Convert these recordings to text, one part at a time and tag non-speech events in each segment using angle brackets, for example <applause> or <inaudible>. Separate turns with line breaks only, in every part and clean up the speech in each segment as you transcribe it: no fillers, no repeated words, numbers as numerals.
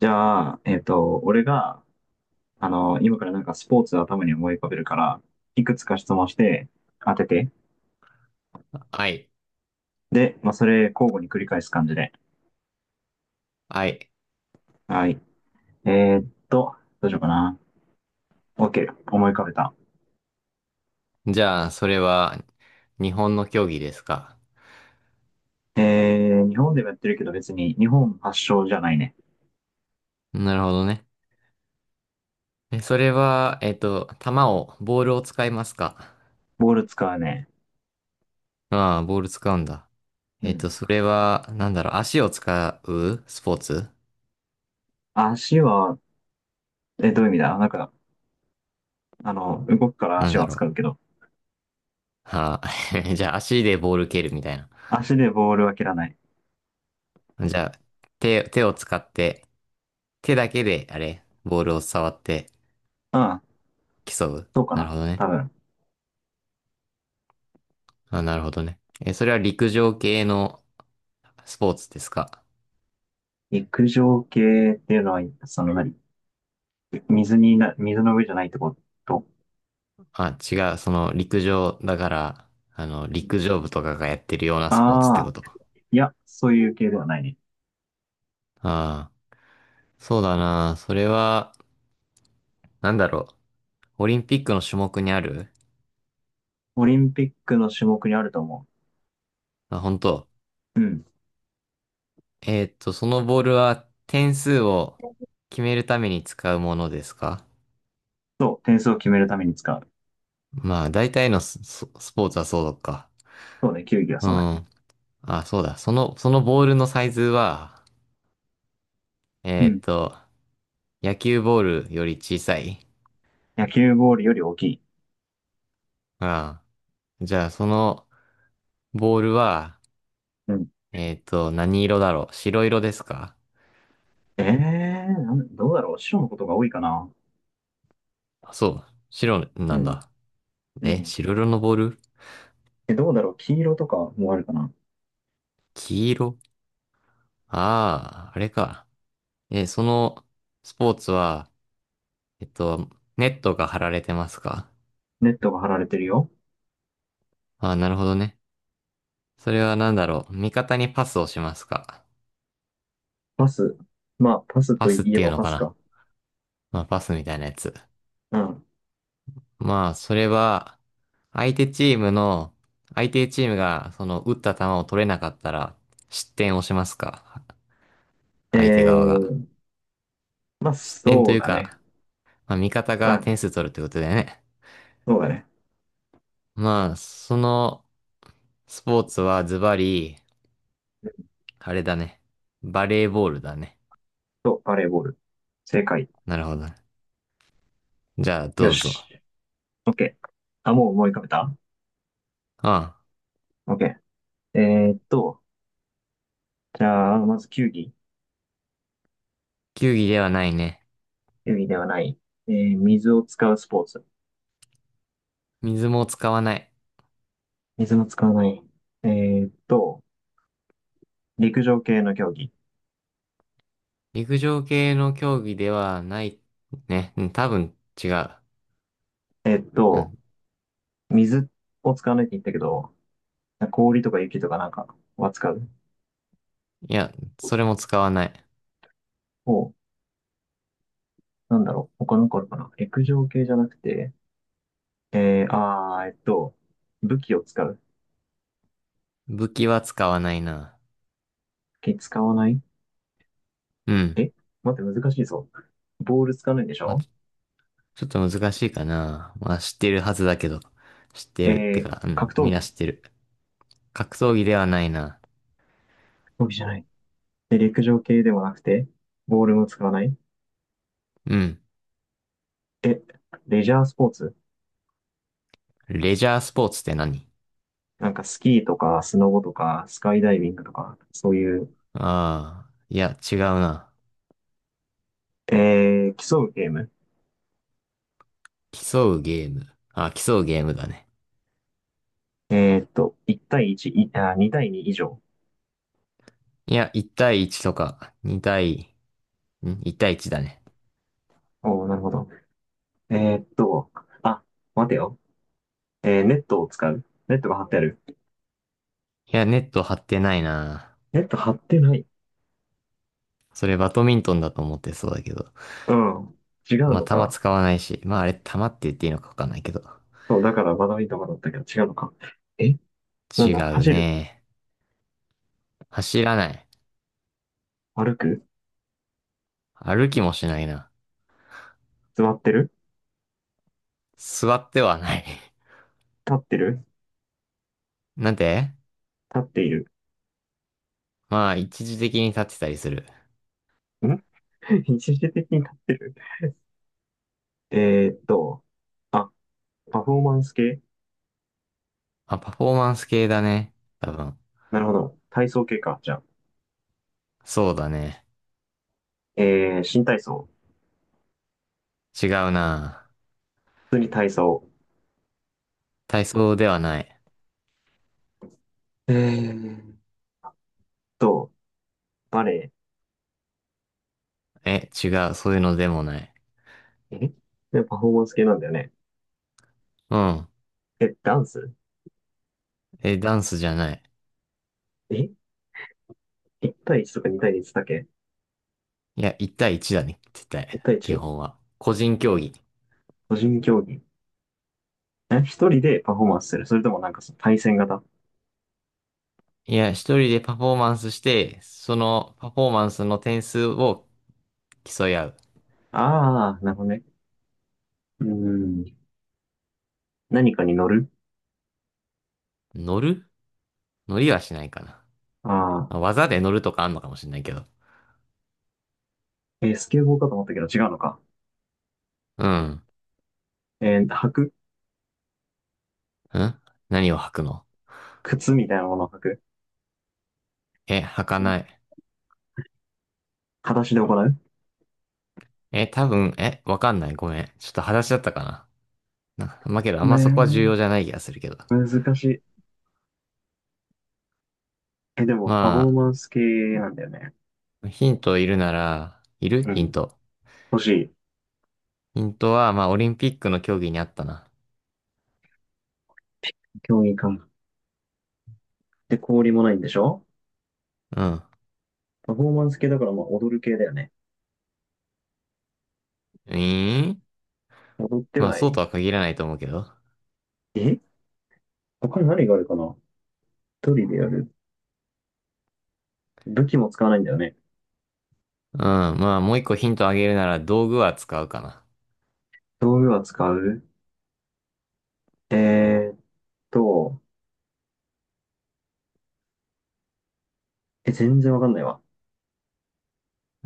じゃあ、俺が、今からなんかスポーツを頭に思い浮かべるから、いくつか質問して当てて。
はい。
で、まあ、それ交互に繰り返す感じで。
はい。
はい。えーっと、どうしようかな。OK、思い浮かべた。
じゃあ、それは、日本の競技ですか？
日本でもやってるけど別に日本発祥じゃないね。
なるほどね。それは、ボールを使いますか？
ボール使うね。
ああ、ボール使うんだ。
うん。
それは、なんだろう、足を使うスポーツ？
足は、どういう意味だ？なんか、動くから
なん
足
だ
は
ろ
使う
う。
けど、
はあ、<laughs> じゃあ、足でボール蹴るみたいな。
足でボールは蹴らない。
じゃあ、手を使って、手だけで、あれ、ボールを触って
うん、
競う。
そうか
なる
な。
ほどね。
多分。
あ、なるほどね。それは陸上系のスポーツですか？
陸上系っていうのは、その何、水にな、水の上じゃないってこと？
あ、違う。その、陸上だから、陸上部とかがやってるようなスポーツって
あ
こ
あー、
と。
いや、そういう系ではないね。
ああ、そうだな。それは、なんだろう。オリンピックの種目にある？
オリンピックの種目にあると思
あ、本当。
う。うん。
そのボールは点数を決めるために使うものですか？
そう、点数を決めるために使う。
まあ、大体のスポーツはそうか。
そうね、球技は
う
そうだね。
ん。あ、そうだ。そのボールのサイズは、
う
えーっ
ん。
と、野球ボールより小さい？
野球ボールより大きい。
ああ。じゃあ、そのボールは、
うん。
何色だろう、白色ですか？
ええー、どうだろう、白のことが多いかな。
あ、そう。白
う
なん
ん。
だ。
う
え、
ん。
白色のボール？
どうだろう、黄色とかもあるかな？
黄色。ああー、あれか。そのスポーツは、えっと、ネットが張られてますか？
ネットが張られてるよ。
ああー、なるほどね。それは何だろう、味方にパスをしますか？
パス。まあ、パス
パ
と
スっ
いえ
ていう
ば
の
パ
か
ス
な？
か。
まあ、パスみたいなやつ。
うん。
まあ、それは、相手チームの、相手チームが、その、打った球を取れなかったら、失点をしますか？
え
相手側が。
ー、まあ、
失点と
そう
いう
だね。
か、まあ、味方
う
が
ん。
点数取るってことだよね。
そうだね。
まあ、そのスポーツはズバリ、あれだね。バレーボールだね。
そう、バレーボール。正解。
なるほどね。じゃあ、
よ
どうぞ。
し。OK。あ、もう思い浮かべた？
うん。
OK。えーっと、じゃあ、まず球技。
球技ではないね。
球技ではない。水を使うスポーツ。
水も使わない。
水も使わない。えーっと、陸上系の競技。
陸上系の競技ではない。ね。うん、多分違う。
えーっ
う
と、
ん。
水を使わないって言ったけど、氷とか雪とかなんかは使う。
いや、それも使わない。
お、なんだろう。他のかあるかな。陸上系じゃなくて、えー、あー、えーっと、武器を使う。
武器は使わないな。
武器使わない？
うん。
え待って、難しいぞ。ボール使わないでし
まあ、
ょ？
ちょっと難しいかな。まあ、知ってるはずだけど。知って
え
る。って
ー、
か、うん。
格闘
みんな
技。
知ってる。格闘技ではないな。
競技じゃない。で、陸上系でもなくて、ボールも使わない。
うん。
で、レジャースポーツ？
レジャースポーツって何？
なんかスキーとか、スノボとか、スカイダイビングとか、そういう、
ああ、いや、違うな。
競うゲーム。
競うゲーム。あ、競うゲームだね。
1対1、いあ、2対2以上。
いや、1対1とか、2対、ん ?1 対1だね。
おー、なるほど。えーっと、あ、待てよ。ネットを使う。ネットが張ってある。
いや、ネット張ってないな。
ネット張ってない。
それバドミントンだと思ってそうだけど。
うん。違う
まあ、
の
球
か。
使わないし。まあ、あれ、球って言っていいのかわかんないけど。
そう、だからバドミントンだったけど違うのか。えなん
違
だ、
う
走る？
ね。走らない。
歩く？
歩きもしないな。
座ってる？
座ってはない。<laughs>
立ってる？
なんて。
立っている？
まあ、一時的に立ってたりする。
ん <laughs> 一時的になってる。<laughs> えーっと、あ、パフォーマンス系？
あ、パフォーマンス系だね。多分。
なるほど。体操系か。じゃあ、
そうだね。
新体操。
違うな。
普通に体操。
体操ではない。
えーっと、バレ
え、違う。そういうのでもない。
エ。で、パフォーマンス系なんだよね。
うん。
え、ダンス？
え、ダンスじゃない。
え？ 1 対1とか2対1だっけ？
いや、1対1だね。絶対。
1 対
基
1？
本は。個人競技。
個人競技。え、一人でパフォーマンスする？それともなんか、その対戦型？
いや、一人でパフォーマンスして、そのパフォーマンスの点数を競い合う。
ああー、なるほどね。うーん。何かに乗る？
乗る？乗りはしないかな。
ああ
まあ、技で乗るとかあんのかもしれないけど。
ー。スケボーかと思ったけど違うのか。
うん。
履く？
ん。何を履くの？
靴みたいなものを履く
え、履かない。
形で行う？
え、多分、わかんない。ごめん。ちょっと裸足だったかな。な。まあけど、あんまそこは重要じ
ね
ゃない気がするけど。
え、難しい。でも、
ま
パフォーマンス系なんだよね。
あ、ヒントいるなら、いる
う
ヒン
ん。
ト。
欲しい。
ヒントは、まあ、オリンピックの競技にあったな。
競技か。で、氷もないんでしょ？
うん。
パフォーマンス系だから、まあ、踊る系だよね。
ええ
踊って
ま
は
あ、
な
そう
い？
とは限らないと思うけど。
え他に何があるかな？一人でやる。武器も使わないんだよね。
うん。まあ、もう一個ヒントあげるなら、道具は使うかな。
道具は使う？えーっと、全然わかんないわ。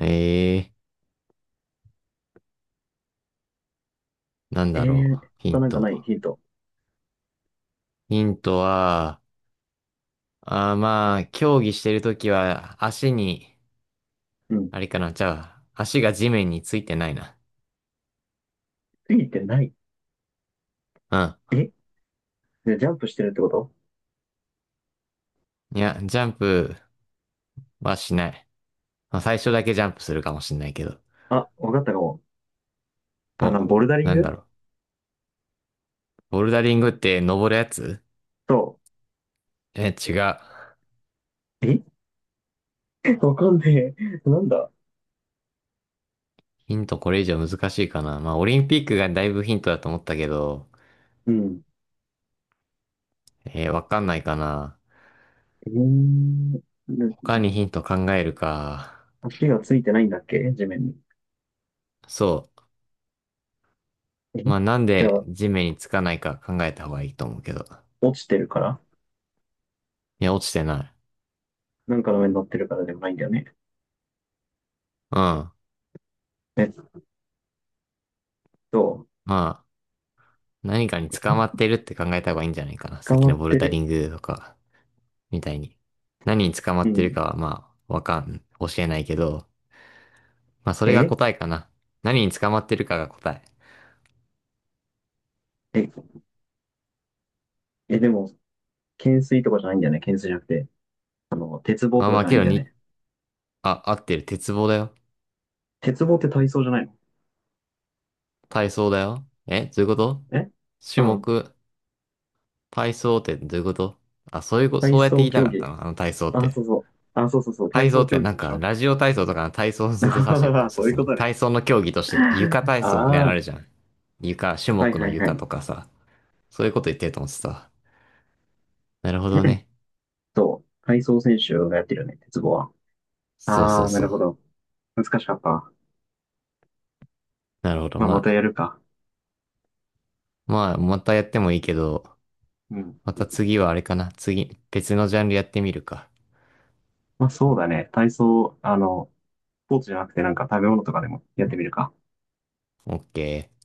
えなん
え
だろ
ー、
う。ヒ
他
ン
なんかない
ト。
ヒント。
ヒントは、まあ、競技してるときは、足に、
うん。
あれかな、じゃあ、足が地面についてないな。
ついてない。
うん。
えで、ジャンプしてるってこと？
いや、ジャンプはしない。まあ、最初だけジャンプするかもしんないけど。
あ、わかったかも。
お、
ボルダリン
なん
グ
だろう。ボルダリングって登るやつ？
と、
え、違う。
え <laughs> わかんねえ。なんだ？
ヒントこれ以上難しいかな。まあ、オリンピックがだいぶヒントだと思ったけど、
うん。
わかんないかな。
えー、な
他にヒント考えるか。
足がついてないんだっけ地面に。
そ
え
う。まあ、なん
じゃ
で
あ、
地面につかないか考えた方がいいと思うけど。
落ちてるから？
いや、落ちてない。
なんかの上に乗ってるからでもないんだよね。
うん。
えっと、
まあ、何かに
え
捕まってるって考えた方がいいんじゃないかな。さ
捕
っき
ま
の
っ
ボル
て
ダ
る？
リングとか、みたいに。何に捕ま
う
ってる
ん。
かは、まあ、わかん、教えないけど、まあ、それが
え
答えかな。何に捕まってるかが答え。
え、でも、懸垂とかじゃないんだよね。懸垂じゃなくて。鉄棒
まあ、
とか
ま
じ
あ、
ゃない
け
ん
ど
だよ
に、
ね。
あ、合ってる。鉄棒だよ。
鉄棒って体操じゃないの？
体操だよ。え、どういうこと？
えう
種
ん。
目、体操ってどういうこと？あ、そういうこ、
体
そうやって
操
言いた
競
かった
技。
の、あの体操っ
あ、そ
て。
うそう。あ、そうそうそう。体
体操
操
って
競技
なん
のし
か、
ょ
ラジオ体操とかの体操を
<laughs> あ
ずっと指
は
して
は
ると思っ
は <laughs>
てた。
そういう
そ
こ
の
とね。
体操の競技として、床
<laughs>
体操みたいな
あ
のあ
あ、
るじゃん。床、種
はい
目
は
の
いは
床
い。
とかさ。そういうこと言ってると思ってた。なるほどね。
そう。体操選手がやってるよね、鉄棒は。
そう
あ
そう
あ、な
そ
るほ
う。
ど。難しかった。
なるほど。
まあ、ま
ま
た
あ、
やるか。
まあ、またやってもいいけど、
うん。
また次はあれかな。次、別のジャンルやってみるか。
まあ、そうだね。体操、スポーツじゃなくてなんか食べ物とかでもやってみるか。
オッケー。